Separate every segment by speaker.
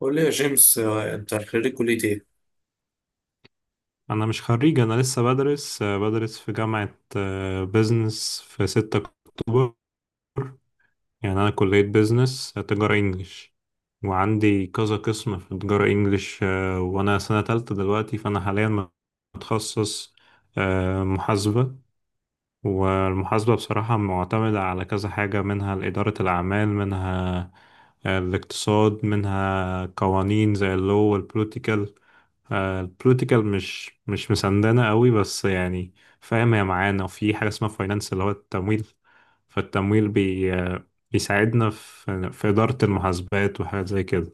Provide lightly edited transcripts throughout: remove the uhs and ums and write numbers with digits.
Speaker 1: قول لي يا جيمس انت خريج كلية ايه؟
Speaker 2: انا مش خريج. انا لسه بدرس في جامعة بيزنس في 6 اكتوبر. يعني انا كلية بيزنس تجارة انجليش، وعندي كذا قسم في تجارة انجليش، وانا سنة تالتة دلوقتي، فانا حاليا متخصص محاسبة. والمحاسبة بصراحة معتمدة على كذا حاجة، منها إدارة الأعمال، منها الاقتصاد، منها قوانين زي اللو والبوليتيكال. البوليتيكال مش مسندنا قوي، بس يعني فاهم، هي معانا. وفي حاجة اسمها فاينانس، اللي هو التمويل. فالتمويل بي آه، بيساعدنا في إدارة المحاسبات وحاجات زي كده.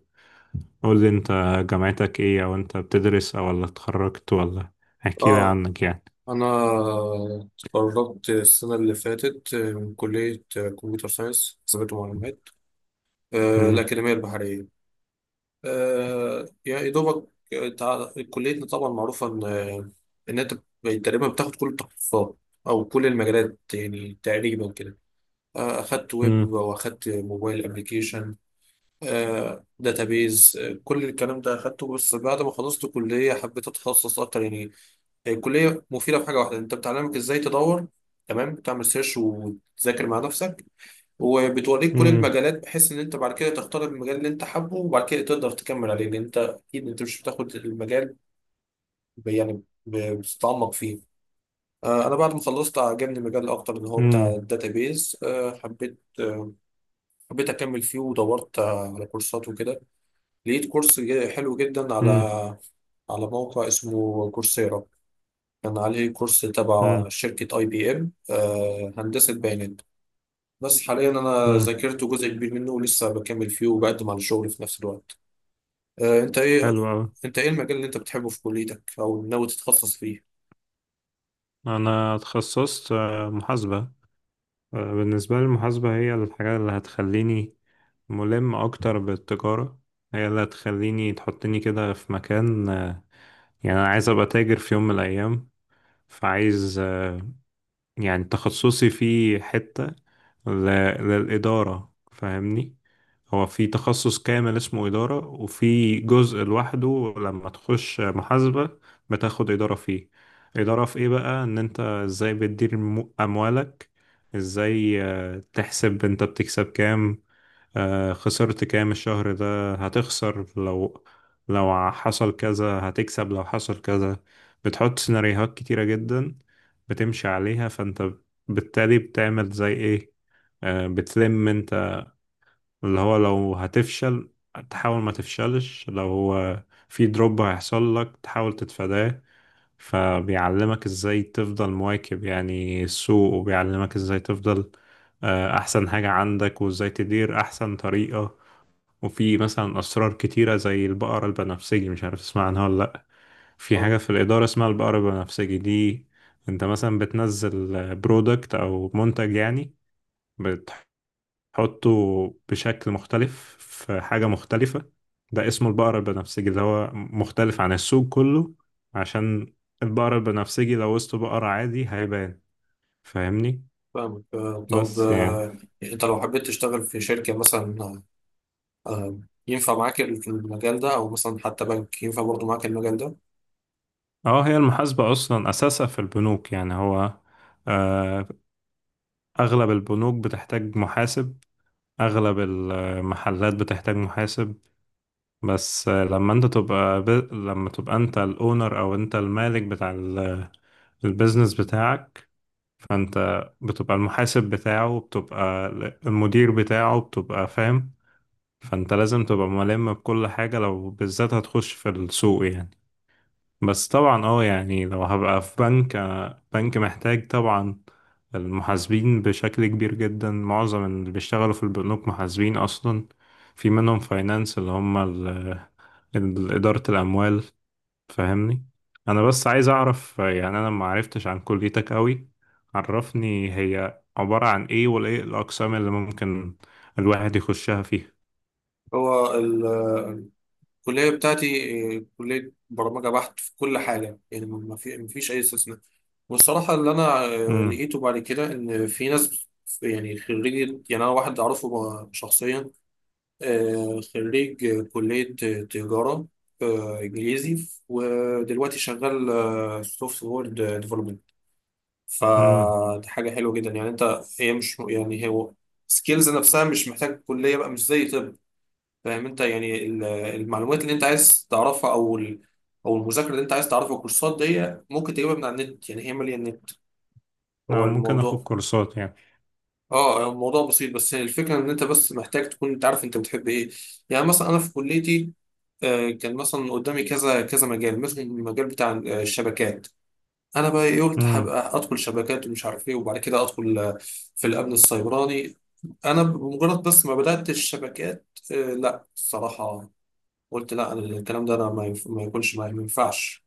Speaker 2: قول لي انت، جامعتك ايه؟ او انت بتدرس او ولا اتخرجت، ولا احكي لي
Speaker 1: اه،
Speaker 2: عنك يعني.
Speaker 1: انا اتخرجت السنة اللي فاتت من كلية كمبيوتر ساينس حسابات ومعلومات
Speaker 2: مم.
Speaker 1: الأكاديمية البحرية. يعني يا دوبك كليتنا طبعا معروفة ان انت تقريبا بتاخد كل التخصصات او كل المجالات يعني تقريبا كده. اخدت ويب واخدت موبايل ابلكيشن، داتابيز، كل الكلام ده اخدته، بس بعد ما خلصت كلية حبيت اتخصص اكتر يعني. هي الكلية مفيدة في حاجة واحدة، انت بتعلمك ازاي تدور، تمام، بتعمل سيرش وتذاكر مع نفسك، وبتوريك كل
Speaker 2: مم.
Speaker 1: المجالات، بحيث ان انت بعد كده تختار المجال اللي انت حابه، وبعد كده تقدر تكمل عليه، لان انت اكيد انت مش بتاخد المجال بتتعمق فيه. انا بعد ما خلصت عجبني المجال اكتر، اللي هو بتاع
Speaker 2: مم.
Speaker 1: الداتابيز. حبيت اكمل فيه، ودورت على كورسات وكده. لقيت كورس حلو جدا على
Speaker 2: امم.
Speaker 1: على موقع اسمه كورسيرا، كان عليه كورس تبع
Speaker 2: امم.
Speaker 1: شركة اي بي ام، هندسة بيانات. بس حاليا انا
Speaker 2: امم.
Speaker 1: ذاكرت جزء كبير منه، ولسه بكمل فيه، وبقدم على الشغل في نفس الوقت. آه، انت ايه
Speaker 2: حلو أوي.
Speaker 1: انت ايه المجال اللي انت بتحبه في كليتك او ناوي تتخصص فيه؟
Speaker 2: أنا اتخصصت محاسبة. بالنسبة لي، المحاسبة هي الحاجة اللي هتخليني ملم أكتر بالتجارة. هي اللي هتخليني تحطني كده في مكان يعني، أنا عايز أبقى تاجر في يوم من الأيام. فعايز يعني تخصصي فيه حتة ل- للإدارة، فاهمني؟ هو في تخصص كامل اسمه إدارة، وفي جزء لوحده لما تخش محاسبة بتاخد إدارة فيه. إدارة في إيه بقى؟ إن أنت إزاي بتدير أموالك، إزاي تحسب أنت بتكسب كام، خسرت كام الشهر ده، هتخسر لو حصل كذا، هتكسب لو حصل كذا. بتحط سيناريوهات كتيرة جدا بتمشي عليها، فانت بالتالي بتعمل زي ايه؟ بتلم انت اللي هو لو هتفشل تحاول ما تفشلش، لو هو في دروب هيحصل لك تحاول تتفاداه. فبيعلمك ازاي تفضل مواكب يعني السوق، وبيعلمك ازاي تفضل احسن حاجة عندك، وازاي تدير احسن طريقة. وفي مثلا أسرار كتيرة زي البقرة البنفسجي، مش عارف تسمع عنها ولا لأ. في
Speaker 1: اه،
Speaker 2: حاجة في الإدارة اسمها البقرة البنفسجي دي. أنت مثلا بتنزل برودكت أو منتج يعني، بتحطه بشكل مختلف في حاجة مختلفة، ده اسمه البقرة البنفسجي. ده هو مختلف عن السوق كله، عشان البقرة البنفسجي لو وسط بقرة عادي هيبان، فاهمني؟
Speaker 1: فاهمك. آه، طب
Speaker 2: بس يعني
Speaker 1: آه، انت لو حبيت تشتغل في شركة مثلا، آه، ينفع معاك المجال ده؟ او مثلا حتى بنك ينفع برضه معاك المجال ده؟
Speaker 2: اه، هي المحاسبة أصلا أساسها في البنوك يعني. هو آه، أغلب البنوك بتحتاج محاسب، أغلب المحلات بتحتاج محاسب. بس لما تبقى أنت الأونر، أو أنت المالك بتاع البيزنس بتاعك، فأنت بتبقى المحاسب بتاعه، بتبقى المدير بتاعه، بتبقى فاهم. فأنت لازم تبقى ملم بكل حاجة، لو بالذات هتخش في السوق يعني. بس طبعا اه، يعني لو هبقى في بنك، بنك محتاج طبعا المحاسبين بشكل كبير جدا. معظم اللي بيشتغلوا في البنوك محاسبين اصلا، في منهم فاينانس اللي هم إدارة الأموال، فاهمني؟ أنا بس عايز أعرف يعني أنا ما عرفتش عن كليتك قوي. عرفني هي عبارة عن إيه، وإيه الأقسام اللي ممكن الواحد يخشها فيها.
Speaker 1: هو الكلية بتاعتي كلية برمجة بحت في كل حاجة، يعني ما فيش أي استثناء. والصراحة اللي أنا
Speaker 2: امم.
Speaker 1: لقيته بعد كده، إن في ناس يعني خريج، يعني أنا واحد أعرفه بقى شخصيا خريج كلية تجارة إنجليزي، ودلوقتي شغال سوفت وير ديفلوبمنت.
Speaker 2: امم.
Speaker 1: فدي حاجة حلوة جدا، يعني أنت هي مش يعني هو سكيلز نفسها مش محتاج كلية بقى، مش زي طب، فاهم أنت؟ يعني المعلومات اللي أنت عايز تعرفها، أو المذاكرة اللي أنت عايز تعرفها، الكورسات دي ممكن تجيبها من على النت، يعني هي مالية النت هو
Speaker 2: أنا ممكن آخد
Speaker 1: الموضوع.
Speaker 2: كورسات يعني.
Speaker 1: اه يعني الموضوع بسيط، بس هي الفكره ان انت بس محتاج تكون انت عارف انت بتحب ايه. يعني مثلا انا في كليتي كان مثلا قدامي كذا كذا مجال، مثلا المجال بتاع الشبكات. انا بقى إيه؟ قلت
Speaker 2: امم.
Speaker 1: هبقى ادخل شبكات ومش عارف ايه، وبعد كده ادخل في الامن السيبراني. انا بمجرد بس ما بدات الشبكات لا الصراحه قلت لا، أنا الكلام ده انا ما يكونش معايا، ما ينفعش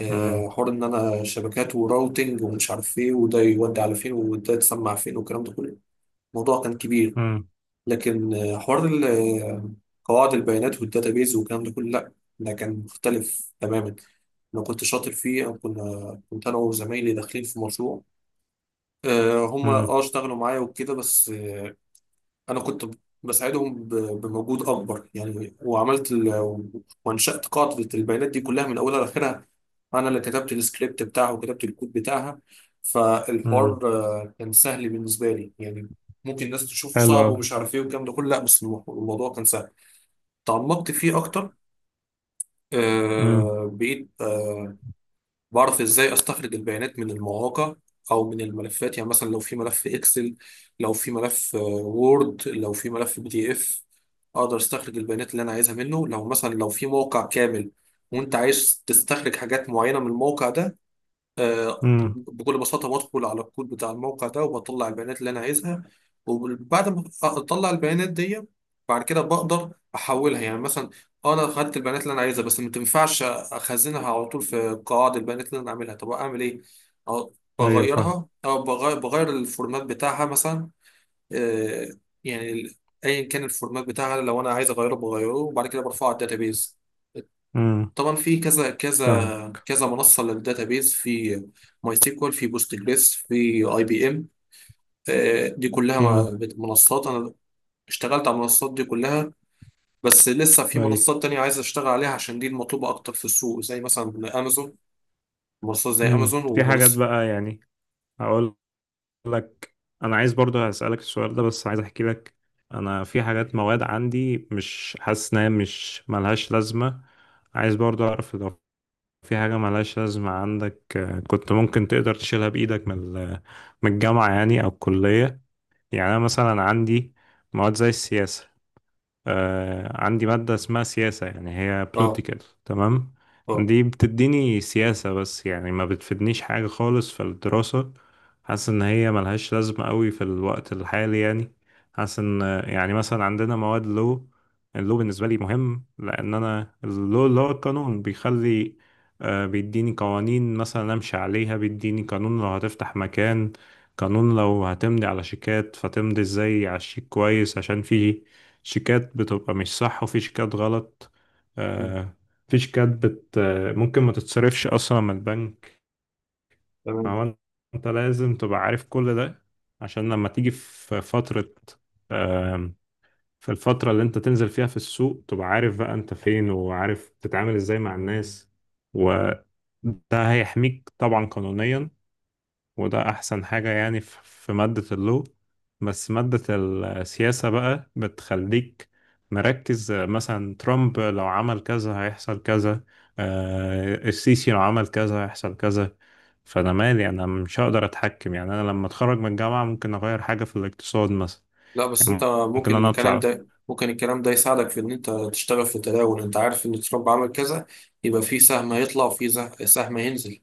Speaker 1: حوار ان انا شبكات وراوتنج ومش عارف ايه، وده يودي على فين، وده يتسمع فين، والكلام ده كله، الموضوع كان كبير.
Speaker 2: امم.
Speaker 1: لكن حوار قواعد البيانات والداتابيز والكلام ده كله، لا، ده كان مختلف تماما. انا كنت شاطر فيه، او كنا كنت انا وزمايلي داخلين في مشروع، هم اه اشتغلوا معايا وكده، بس انا كنت بساعدهم بمجهود اكبر يعني، وعملت وانشأت قاعدة البيانات دي كلها من اولها لاخرها، انا اللي كتبت السكريبت بتاعها وكتبت الكود بتاعها. فالحوار
Speaker 2: امم.
Speaker 1: كان سهل بالنسبة لي يعني، ممكن الناس تشوف
Speaker 2: حلو
Speaker 1: صعب
Speaker 2: أوي.
Speaker 1: ومش عارف ايه والكلام ده كله، لا بس الموضوع كان سهل. تعمقت فيه اكتر،
Speaker 2: أمم،
Speaker 1: بقيت بعرف ازاي استخرج البيانات من المواقع او من الملفات. يعني مثلا لو في ملف اكسل، لو في ملف وورد، لو في ملف بي دي اف، اقدر استخرج البيانات اللي انا عايزها منه. لو مثلا لو في موقع كامل وانت عايز تستخرج حاجات معينة من الموقع ده،
Speaker 2: أمم،
Speaker 1: بكل بساطة بدخل على الكود بتاع الموقع ده وبطلع البيانات اللي أنا عايزها. وبعد ما أطلع البيانات دي، بعد كده بقدر أحولها، يعني مثلا أنا خدت البيانات اللي أنا عايزها، بس ما تنفعش أخزنها على طول في قواعد البيانات اللي أنا عاملها، طب أعمل إيه؟ أو
Speaker 2: أيوة فاهم.
Speaker 1: بغيرها، أو بغير الفورمات بتاعها مثلا. آه، يعني ال- أيا كان الفورمات بتاعها، لو أنا عايز أغيره بغيره، وبعد كده برفعه على الداتابيز.
Speaker 2: أمم،
Speaker 1: طبعا في كذا
Speaker 2: فاهم.
Speaker 1: كذا كذا منصه للداتابيز، في ماي سيكوال، في بوست جريس، في اي بي ام، دي كلها
Speaker 2: أمم،
Speaker 1: منصات انا اشتغلت على المنصات دي كلها، بس لسه في
Speaker 2: أيوة.
Speaker 1: منصات تانية عايز اشتغل عليها، عشان دي المطلوبه اكتر في السوق، زي مثلا امازون، منصات زي
Speaker 2: أمم.
Speaker 1: امازون
Speaker 2: في حاجات
Speaker 1: ومنصه.
Speaker 2: بقى يعني، هقول لك، أنا عايز برضو هسألك السؤال ده، بس عايز أحكي لك. أنا في حاجات، مواد عندي مش حاسس إنها، مش ملهاش لازمة. عايز برضو أعرف لو في حاجة ملهاش لازمة عندك، كنت ممكن تقدر تشيلها بإيدك من من الجامعة يعني، أو الكلية. يعني أنا مثلا عندي مواد زي السياسة. عندي مادة اسمها سياسة، يعني هي
Speaker 1: اه،
Speaker 2: بوليتيكال، تمام؟
Speaker 1: اه،
Speaker 2: دي بتديني سياسة، بس يعني ما بتفيدنيش حاجة خالص في الدراسة. حاسس إن هي ملهاش لازمة قوي في الوقت الحالي يعني. حاسس إن يعني مثلا عندنا مواد لو، اللو بالنسبة لي مهم، لأن أنا اللو اللي هو القانون بيخلي، بيديني قوانين مثلا أمشي عليها. بيديني قانون لو هتفتح مكان، قانون لو هتمضي على شيكات فتمضي ازاي على الشيك كويس، عشان فيه شيكات بتبقى مش صح وفي شيكات غلط.
Speaker 1: مم،
Speaker 2: آه، في شيكات بت آه، ممكن ما تتصرفش أصلا من البنك.
Speaker 1: تمام.
Speaker 2: فهو أنت لازم تبقى عارف كل ده، عشان لما تيجي في فترة آم، في الفترة اللي أنت تنزل فيها في السوق، تبقى عارف بقى أنت فين، وعارف تتعامل إزاي مع الناس، وده هيحميك طبعا قانونيا. وده أحسن حاجة يعني، في مادة اللو. بس مادة السياسة بقى بتخليك مركز، مثلا ترامب لو عمل كذا هيحصل كذا، السيسي لو عمل كذا هيحصل كذا. فأنا مالي؟ أنا مش هقدر أتحكم، يعني أنا لما أتخرج من الجامعة ممكن أغير حاجة في الاقتصاد مثلا؟
Speaker 1: لا بس انت
Speaker 2: يعني ممكن
Speaker 1: ممكن
Speaker 2: أنا أطلع؟
Speaker 1: الكلام ده يساعدك في ان انت تشتغل في التداول، انت عارف ان ترامب عمل كذا، يبقى في سهم هيطلع، وفي سهم هينزل.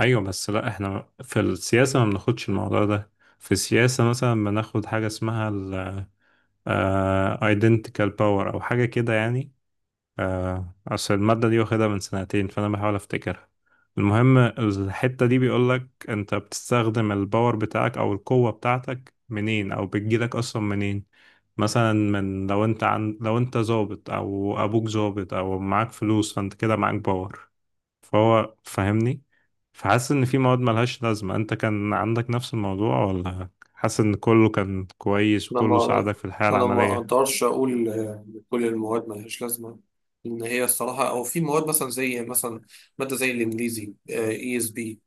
Speaker 2: أيوة، بس لأ، إحنا في السياسة ما بناخدش الموضوع ده. في السياسة مثلا بناخد حاجة اسمها ال آه، identical power أو حاجة كده يعني. أصل المادة دي واخدها من سنتين، فأنا بحاول أفتكرها. المهم، الحتة دي بيقولك أنت بتستخدم الباور بتاعك أو القوة بتاعتك منين، أو بتجيلك أصلا منين. مثلا من لو أنت عن لو أنت ظابط، أو أبوك ظابط، أو معاك فلوس، فأنت كده معاك باور، فهو فاهمني؟ فحاسس إن في مواد ملهاش لازمة أنت كان عندك نفس الموضوع، ولا حاسس إن كله كان كويس
Speaker 1: انا
Speaker 2: وكله
Speaker 1: ما
Speaker 2: ساعدك في الحياة
Speaker 1: انا ما
Speaker 2: العملية؟
Speaker 1: اقدرش اقول كل المواد ملهاش لازمه، ان هي الصراحه. او في مواد مثلا زي مثلا ماده زي الانجليزي اي اس بي،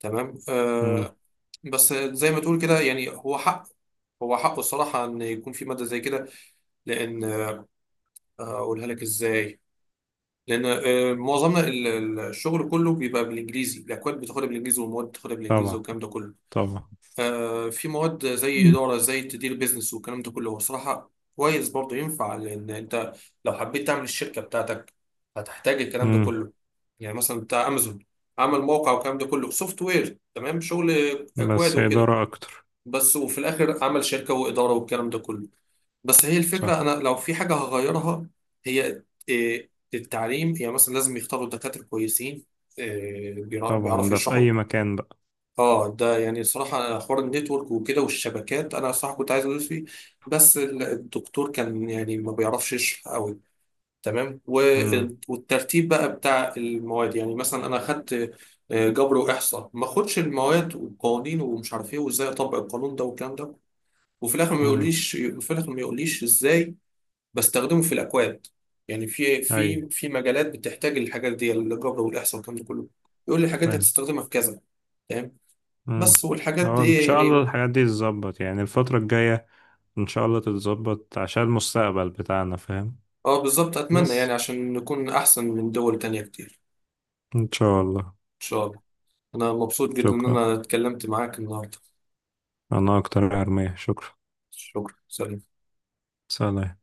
Speaker 1: تمام،
Speaker 2: مم.
Speaker 1: آه، بس زي ما تقول كده يعني هو حق، هو حقه الصراحه ان يكون في ماده زي كده، لان اقولها لك ازاي، لان معظمنا الشغل كله بيبقى بالانجليزي، الاكواد بتاخدها بالانجليزي، والمواد بتاخدها بالانجليزي،
Speaker 2: طبعا.
Speaker 1: والكلام ده كله.
Speaker 2: طبعا.
Speaker 1: في مواد زي إدارة، زي تدير بيزنس والكلام ده كله، هو صراحة كويس برضه، ينفع لأن أنت لو حبيت تعمل الشركة بتاعتك هتحتاج الكلام ده
Speaker 2: مم.
Speaker 1: كله. يعني مثلا بتاع أمازون عمل موقع والكلام ده كله سوفت وير، تمام، شغل أكواد
Speaker 2: بس
Speaker 1: وكده،
Speaker 2: إدارة أكتر.
Speaker 1: بس وفي الآخر عمل شركة وإدارة والكلام ده كله. بس هي الفكرة، أنا
Speaker 2: صح.
Speaker 1: لو في حاجة هغيرها هي التعليم، يعني مثلا لازم يختاروا دكاترة كويسين آه،
Speaker 2: طبعا،
Speaker 1: بيعرفوا
Speaker 2: ده في
Speaker 1: يشرحوا.
Speaker 2: أي مكان بقى.
Speaker 1: اه ده يعني صراحة حوار النتورك وكده والشبكات، انا صراحة كنت عايز ادوس فيه، بس الدكتور كان يعني ما بيعرفش يشرح قوي، تمام.
Speaker 2: امم.
Speaker 1: والترتيب بقى بتاع المواد، يعني مثلا انا اخدت جبر واحصاء، ما اخدش المواد والقوانين ومش عارف ايه، وازاي اطبق القانون ده والكلام ده، وفي الاخر
Speaker 2: امم.
Speaker 1: ما يقوليش ازاي بستخدمه في الاكواد. يعني في
Speaker 2: أي.
Speaker 1: مجالات بتحتاج الحاجات دي، الجبر والاحصاء والكلام ده كله، يقول لي الحاجات دي
Speaker 2: فاهم.
Speaker 1: هتستخدمها في كذا، تمام،
Speaker 2: امم.
Speaker 1: بس والحاجات
Speaker 2: أه،
Speaker 1: دي
Speaker 2: إن
Speaker 1: إيه
Speaker 2: شاء الله
Speaker 1: يعني.
Speaker 2: الحاجات دي تتظبط يعني الفترة الجاية، إن شاء الله تتظبط عشان المستقبل بتاعنا، فاهم؟
Speaker 1: اه بالظبط، اتمنى
Speaker 2: بس
Speaker 1: يعني عشان نكون احسن من دول تانية كتير
Speaker 2: إن شاء الله.
Speaker 1: ان شاء الله. انا مبسوط جدا ان
Speaker 2: شكرا،
Speaker 1: انا اتكلمت معاك النهارده،
Speaker 2: أنا أكتر يا أرمية، شكرا.
Speaker 1: شكرا، سلام.
Speaker 2: سلام.